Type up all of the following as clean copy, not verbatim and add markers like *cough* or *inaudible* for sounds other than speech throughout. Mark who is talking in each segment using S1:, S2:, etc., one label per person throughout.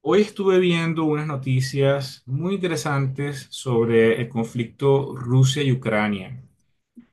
S1: Hoy estuve viendo unas noticias muy interesantes sobre el conflicto Rusia y Ucrania.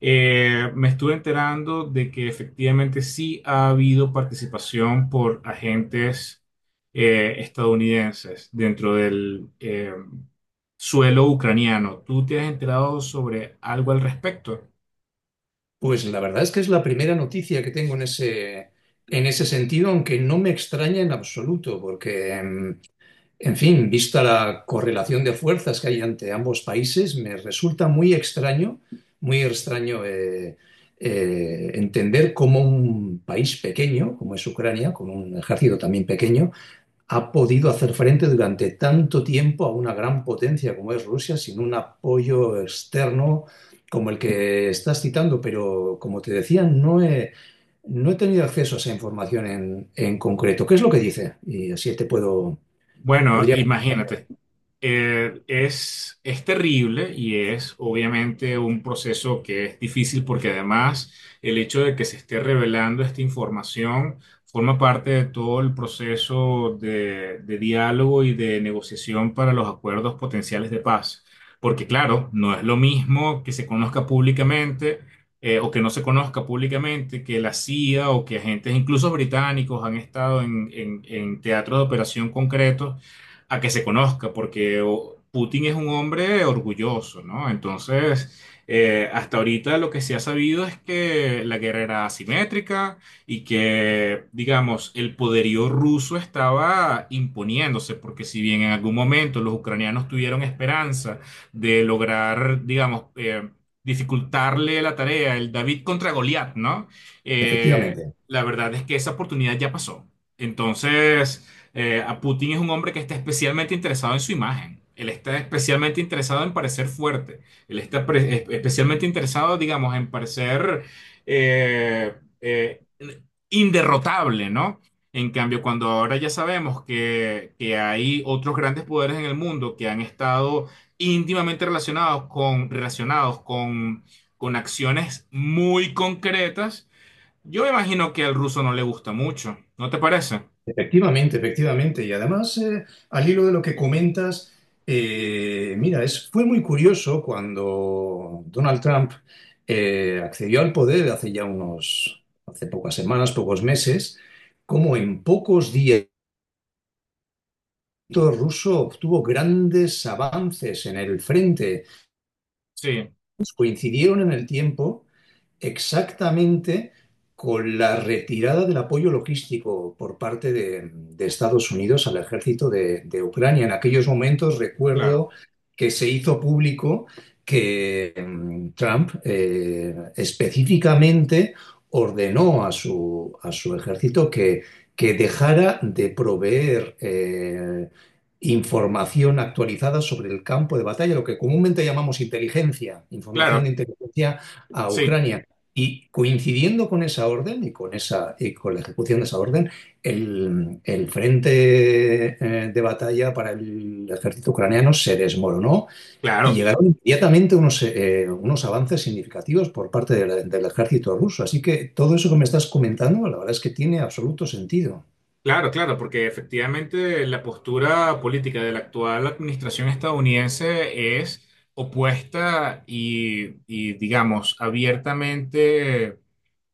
S1: Me estuve enterando de que efectivamente sí ha habido participación por agentes estadounidenses dentro del suelo ucraniano. ¿Tú te has enterado sobre algo al respecto?
S2: Pues la verdad es que es la primera noticia que tengo en ese sentido, aunque no me extraña en absoluto, porque, en fin, vista la correlación de fuerzas que hay ante ambos países, me resulta muy extraño entender cómo un país pequeño, como es Ucrania, con un ejército también pequeño, ha podido hacer frente durante tanto tiempo a una gran potencia como es Rusia sin un apoyo externo como el que estás citando, pero como te decía, no he tenido acceso a esa información en concreto. ¿Qué es lo que dice? Y así te puedo,
S1: Bueno,
S2: podría,
S1: imagínate, es terrible y es obviamente un proceso que es difícil porque además el hecho de que se esté revelando esta información forma parte de todo el proceso de diálogo y de negociación para los acuerdos potenciales de paz. Porque claro, no es lo mismo que se conozca públicamente o que no se conozca públicamente, que la CIA o que agentes, incluso británicos, han estado en teatros de operación concretos a que se conozca, porque o, Putin es un hombre orgulloso, ¿no? Entonces, hasta ahorita lo que se ha sabido es que la guerra era asimétrica y que, digamos, el poderío ruso estaba imponiéndose, porque si bien en algún momento los ucranianos tuvieron esperanza, de lograr, digamos, dificultarle la tarea, el David contra Goliat, ¿no? Eh,
S2: efectivamente.
S1: la verdad es que esa oportunidad ya pasó. Entonces, A Putin es un hombre que está especialmente interesado en su imagen. Él está especialmente interesado en parecer fuerte. Él está especialmente interesado, digamos, en parecer eh, eh, inderrotable, ¿no? En cambio, cuando ahora ya sabemos que hay otros grandes poderes en el mundo que han estado íntimamente con acciones muy concretas, yo me imagino que al ruso no le gusta mucho, ¿no te parece?
S2: Efectivamente, efectivamente. Y además, al hilo de lo que comentas, mira, fue muy curioso cuando Donald Trump accedió al poder hace ya unos, hace pocas semanas, pocos meses, como en pocos días el ejército ruso obtuvo grandes avances en el frente.
S1: Sí,
S2: Coincidieron en el tiempo exactamente con la retirada del apoyo logístico por parte de Estados Unidos al ejército de Ucrania. En aquellos momentos
S1: claro,
S2: recuerdo que se hizo público que Trump específicamente ordenó a a su ejército que dejara de proveer información actualizada sobre el campo de batalla, lo que comúnmente llamamos inteligencia, información de
S1: claro,
S2: inteligencia a
S1: sí,
S2: Ucrania. Y coincidiendo con esa orden y con esa, y con la ejecución de esa orden, el frente de batalla para el ejército ucraniano se desmoronó y
S1: claro,
S2: llegaron inmediatamente unos avances significativos por parte de del ejército ruso. Así que todo eso que me estás comentando, la verdad es que tiene absoluto sentido.
S1: claro, claro, porque efectivamente la postura política de la actual administración estadounidense es opuesta y digamos, abiertamente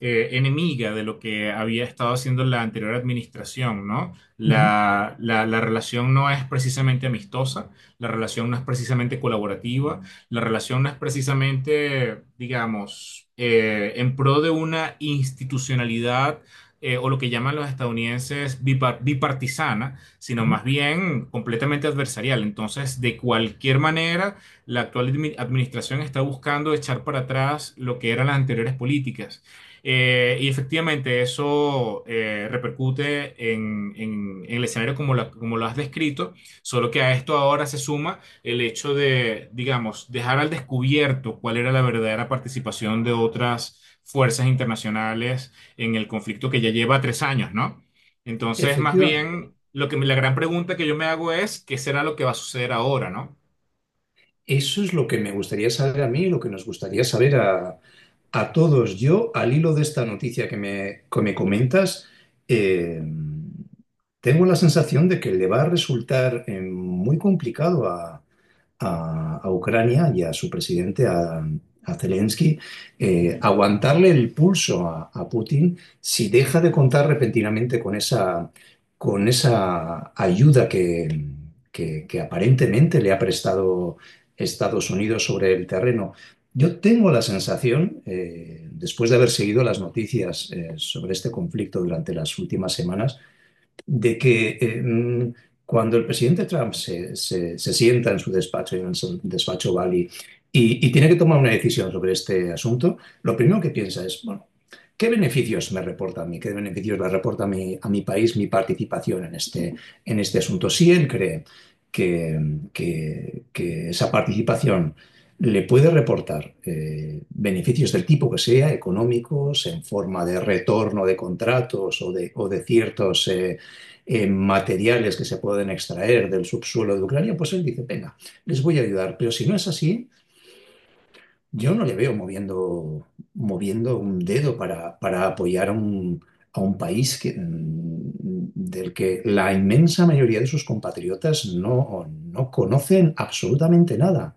S1: enemiga de lo que había estado haciendo la anterior administración, ¿no?
S2: Ujú,
S1: La relación no es precisamente amistosa, la relación no es precisamente colaborativa, la relación no es precisamente, digamos, en pro de una institucionalidad. O lo que llaman los estadounidenses bipartisana, sino
S2: ujú.
S1: más bien completamente adversarial. Entonces, de cualquier manera, la actual administración está buscando echar para atrás lo que eran las anteriores políticas y efectivamente eso repercute en el escenario como, como lo has descrito, solo que a esto ahora se suma el hecho de, digamos, dejar al descubierto cuál era la verdadera participación de otras fuerzas internacionales en el conflicto que ya lleva tres años, ¿no? Entonces, más
S2: Efectivamente.
S1: bien, la gran pregunta que yo me hago es, ¿qué será lo que va a suceder ahora, ¿no?
S2: Eso es lo que me gustaría saber a mí y lo que nos gustaría saber a todos. Yo, al hilo de esta noticia que me comentas, eh, tengo la sensación de que le va a resultar muy complicado a Ucrania y a su presidente, a Zelensky, aguantarle el pulso a Putin si deja de contar repentinamente con esa ayuda que aparentemente le ha prestado Estados Unidos sobre el terreno. Yo tengo la sensación, después de haber seguido las noticias sobre este conflicto durante las últimas semanas, de que cuando el presidente Trump se sienta en su despacho Bali, y tiene que tomar una decisión sobre este asunto, lo primero que piensa es, bueno, ¿qué beneficios me reporta a mí? ¿Qué beneficios le reporta a a mi país mi participación en este asunto? Si él cree que, que esa participación le puede reportar beneficios del tipo que sea, económicos, en forma de retorno de contratos o de ciertos... materiales que se pueden extraer del subsuelo de Ucrania, pues él dice, venga, les voy a ayudar. Pero si no es así, yo no le veo moviendo un dedo para apoyar a un país que, del que la inmensa mayoría de sus compatriotas no, no conocen absolutamente nada.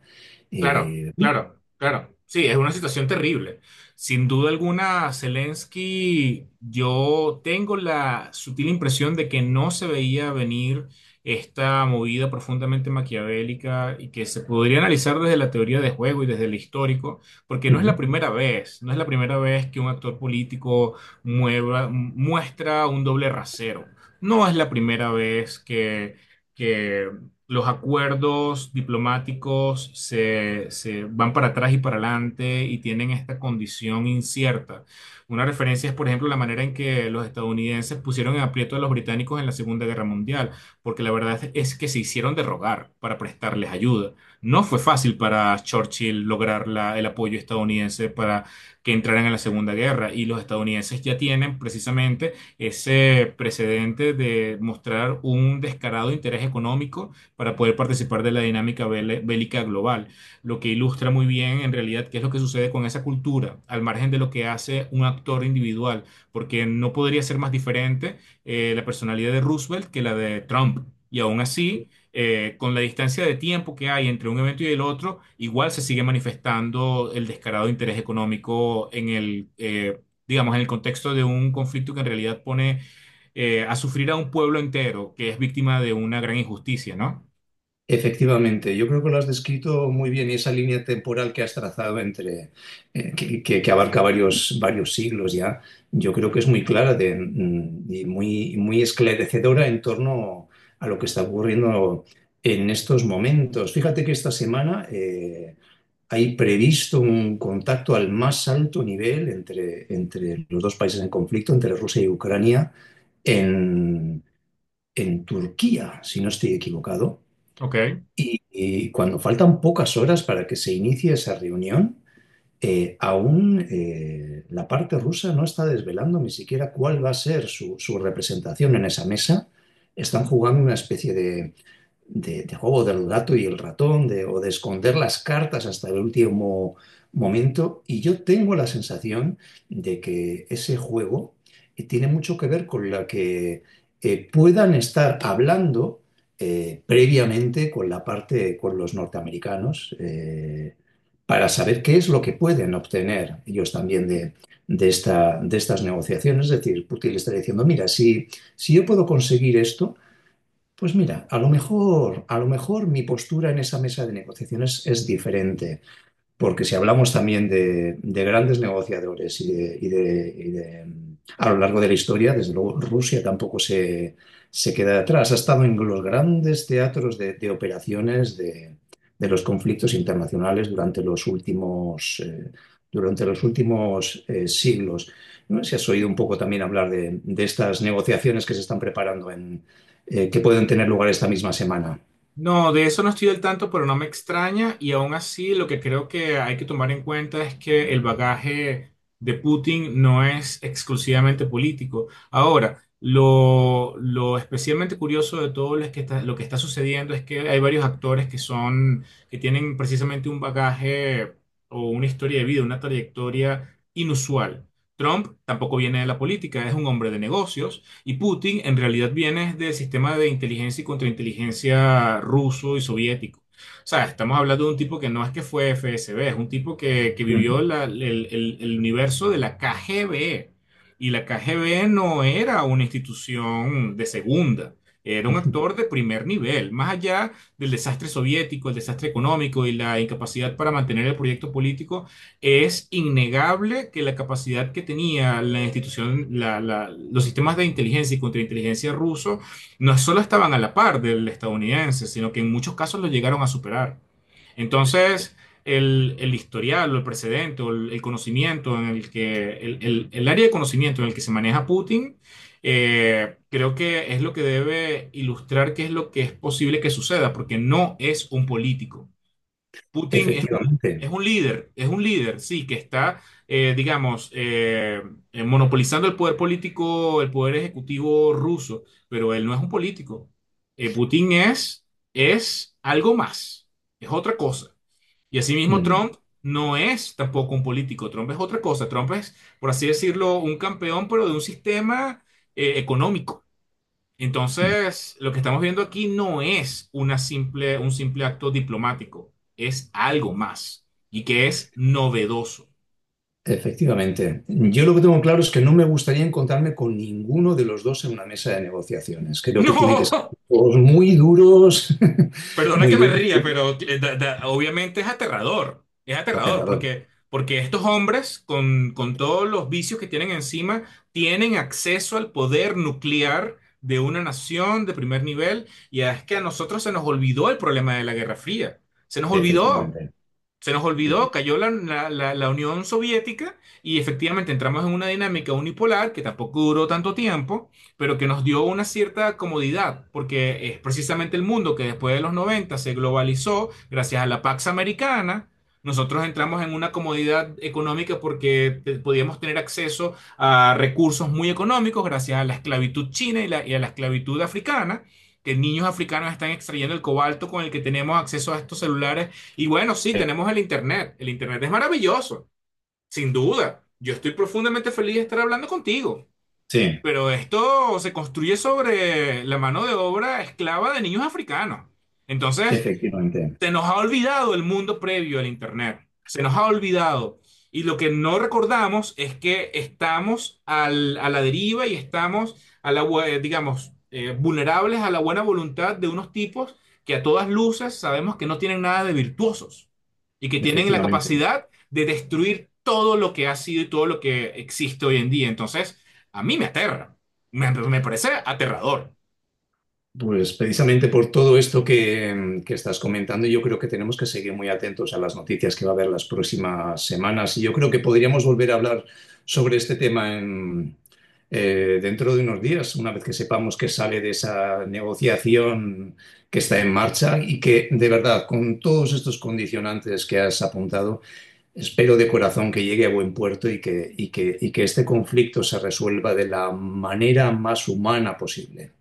S1: Claro,
S2: Eh,
S1: claro, claro. Sí, es una situación terrible. Sin duda alguna, Zelensky, yo tengo la sutil impresión de que no se veía venir esta movida profundamente maquiavélica y que se podría analizar desde la teoría de juego y desde el histórico, porque no es la primera vez, no es la primera vez que un actor político muestra un doble rasero. No es la primera vez que los acuerdos diplomáticos se van para atrás y para adelante y tienen esta condición incierta. Una referencia es, por ejemplo, la manera en que los estadounidenses pusieron en aprieto a los británicos en la Segunda Guerra Mundial, porque la verdad es que se hicieron de rogar para prestarles ayuda. No fue fácil para Churchill lograr el apoyo estadounidense para que entraran en la Segunda Guerra y los estadounidenses ya tienen precisamente ese precedente de mostrar un descarado interés económico para poder participar de la dinámica bélica global, lo que ilustra muy bien en realidad qué es lo que sucede con esa cultura, al margen de lo que hace un actor individual, porque no podría ser más diferente la personalidad de Roosevelt que la de Trump. Y aún así, con la distancia de tiempo que hay entre un evento y el otro, igual se sigue manifestando el descarado interés económico en el, digamos, en el contexto de un conflicto que en realidad pone a sufrir a un pueblo entero que es víctima de una gran injusticia, ¿no?
S2: Efectivamente, yo creo que lo has descrito muy bien y esa línea temporal que has trazado entre que abarca varios, varios siglos ya, yo creo que es muy clara y muy, muy esclarecedora en torno a lo que está ocurriendo en estos momentos. Fíjate que esta semana hay previsto un contacto al más alto nivel entre, entre los dos países en conflicto, entre Rusia y Ucrania, en, en Turquía, si no estoy equivocado.
S1: Ok.
S2: Y cuando faltan pocas horas para que se inicie esa reunión, aún la parte rusa no está desvelando ni siquiera cuál va a ser su, su representación en esa mesa. Están jugando una especie de juego del gato y el ratón, de, o de esconder las cartas hasta el último momento. Y yo tengo la sensación de que ese juego tiene mucho que ver con la que puedan estar hablando previamente con la parte, con los norteamericanos, para saber qué es lo que pueden obtener ellos también de esta, de estas negociaciones. Es decir, Putin le está diciendo, mira, si, si yo puedo conseguir esto, pues mira, a lo mejor mi postura en esa mesa de negociaciones es diferente. Porque si hablamos también de grandes negociadores y de a lo largo de la historia, desde luego Rusia tampoco se queda atrás. Ha estado en los grandes teatros de operaciones de los conflictos internacionales durante los últimos siglos. No sé si has oído un poco también hablar de estas negociaciones que se están preparando que pueden tener lugar esta misma semana.
S1: No, de eso no estoy del tanto, pero no me extraña. Y aún así, lo que creo que hay que tomar en cuenta es que el bagaje de Putin no es exclusivamente político. Ahora, lo especialmente curioso de todo lo que está sucediendo es que hay varios actores que tienen precisamente un bagaje o una historia de vida, una trayectoria inusual. Trump tampoco viene de la política, es un hombre de negocios. Y Putin en realidad viene del sistema de inteligencia y contrainteligencia ruso y soviético. O sea, estamos hablando de un tipo que no es que fue FSB, es un tipo que vivió
S2: Mm.
S1: el universo de la KGB. Y la KGB no era una institución de segunda, era un actor
S2: *laughs*
S1: de primer nivel, más allá del desastre soviético, el desastre económico y la incapacidad para mantener el proyecto político. Es innegable que la capacidad que tenía la institución, los sistemas de inteligencia y contrainteligencia ruso, no solo estaban a la par del estadounidense, sino que en muchos casos lo llegaron a superar. Entonces, el historial, o el precedente, o el conocimiento en el que, el área de conocimiento en el que se maneja Putin, creo que es lo que debe ilustrar qué es lo que es posible que suceda, porque no es un político. Putin
S2: Efectivamente.
S1: es un líder, sí, que está, digamos, monopolizando el poder político, el poder ejecutivo ruso, pero él no es un político. Putin es algo más, es otra cosa. Y asimismo
S2: Mm.
S1: Trump no es tampoco un político, Trump es otra cosa, Trump es, por así decirlo, un campeón, pero de un sistema, económico.
S2: mm.
S1: Entonces, lo que estamos viendo aquí no es una simple, un simple acto diplomático, es algo más y que es novedoso. *laughs*
S2: Efectivamente. Yo lo que tengo claro es que no me gustaría encontrarme con ninguno de los dos en una mesa de negociaciones. Creo que tienen que ser
S1: No,
S2: todos muy duros, *laughs*
S1: perdona que
S2: muy
S1: me
S2: duros,
S1: ría,
S2: muy
S1: pero obviamente es aterrador
S2: aterrador.
S1: porque, porque estos hombres con todos los vicios que tienen encima tienen acceso al poder nuclear de una nación de primer nivel y es que a nosotros se nos olvidó el problema de la Guerra Fría, se nos olvidó.
S2: Efectivamente.
S1: Se nos olvidó, cayó la Unión Soviética y efectivamente entramos en una dinámica unipolar que tampoco duró tanto tiempo, pero que nos dio una cierta comodidad, porque es precisamente el mundo que después de los 90 se globalizó gracias a la Pax Americana. Nosotros entramos en una comodidad económica porque podíamos tener acceso a recursos muy económicos gracias a la esclavitud china y a la esclavitud africana, que niños africanos están extrayendo el cobalto con el que tenemos acceso a estos celulares y bueno, sí, tenemos el Internet. El Internet es maravilloso, sin duda. Yo estoy profundamente feliz de estar hablando contigo,
S2: Sí,
S1: pero esto se construye sobre la mano de obra esclava de niños africanos. Entonces,
S2: efectivamente.
S1: se nos ha olvidado el mundo previo al Internet. Se nos ha olvidado. Y lo que no recordamos es que estamos a la deriva y estamos, digamos, vulnerables a la buena voluntad de unos tipos que a todas luces sabemos que no tienen nada de virtuosos y que tienen la
S2: Efectivamente.
S1: capacidad de destruir todo lo que ha sido y todo lo que existe hoy en día. Entonces, a mí me aterra. Me parece aterrador.
S2: Pues precisamente por todo esto que estás comentando, yo creo que tenemos que seguir muy atentos a las noticias que va a haber las próximas semanas. Y yo creo que podríamos volver a hablar sobre este tema dentro de unos días, una vez que sepamos que sale de esa negociación que está en marcha y que, de verdad, con todos estos condicionantes que has apuntado, espero de corazón que llegue a buen puerto y que este conflicto se resuelva de la manera más humana posible.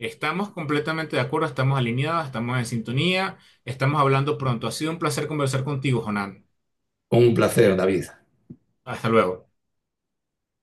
S1: Estamos completamente de acuerdo, estamos alineados, estamos en sintonía, estamos hablando pronto. Ha sido un placer conversar contigo, Jonan.
S2: Un placer, David.
S1: Hasta luego.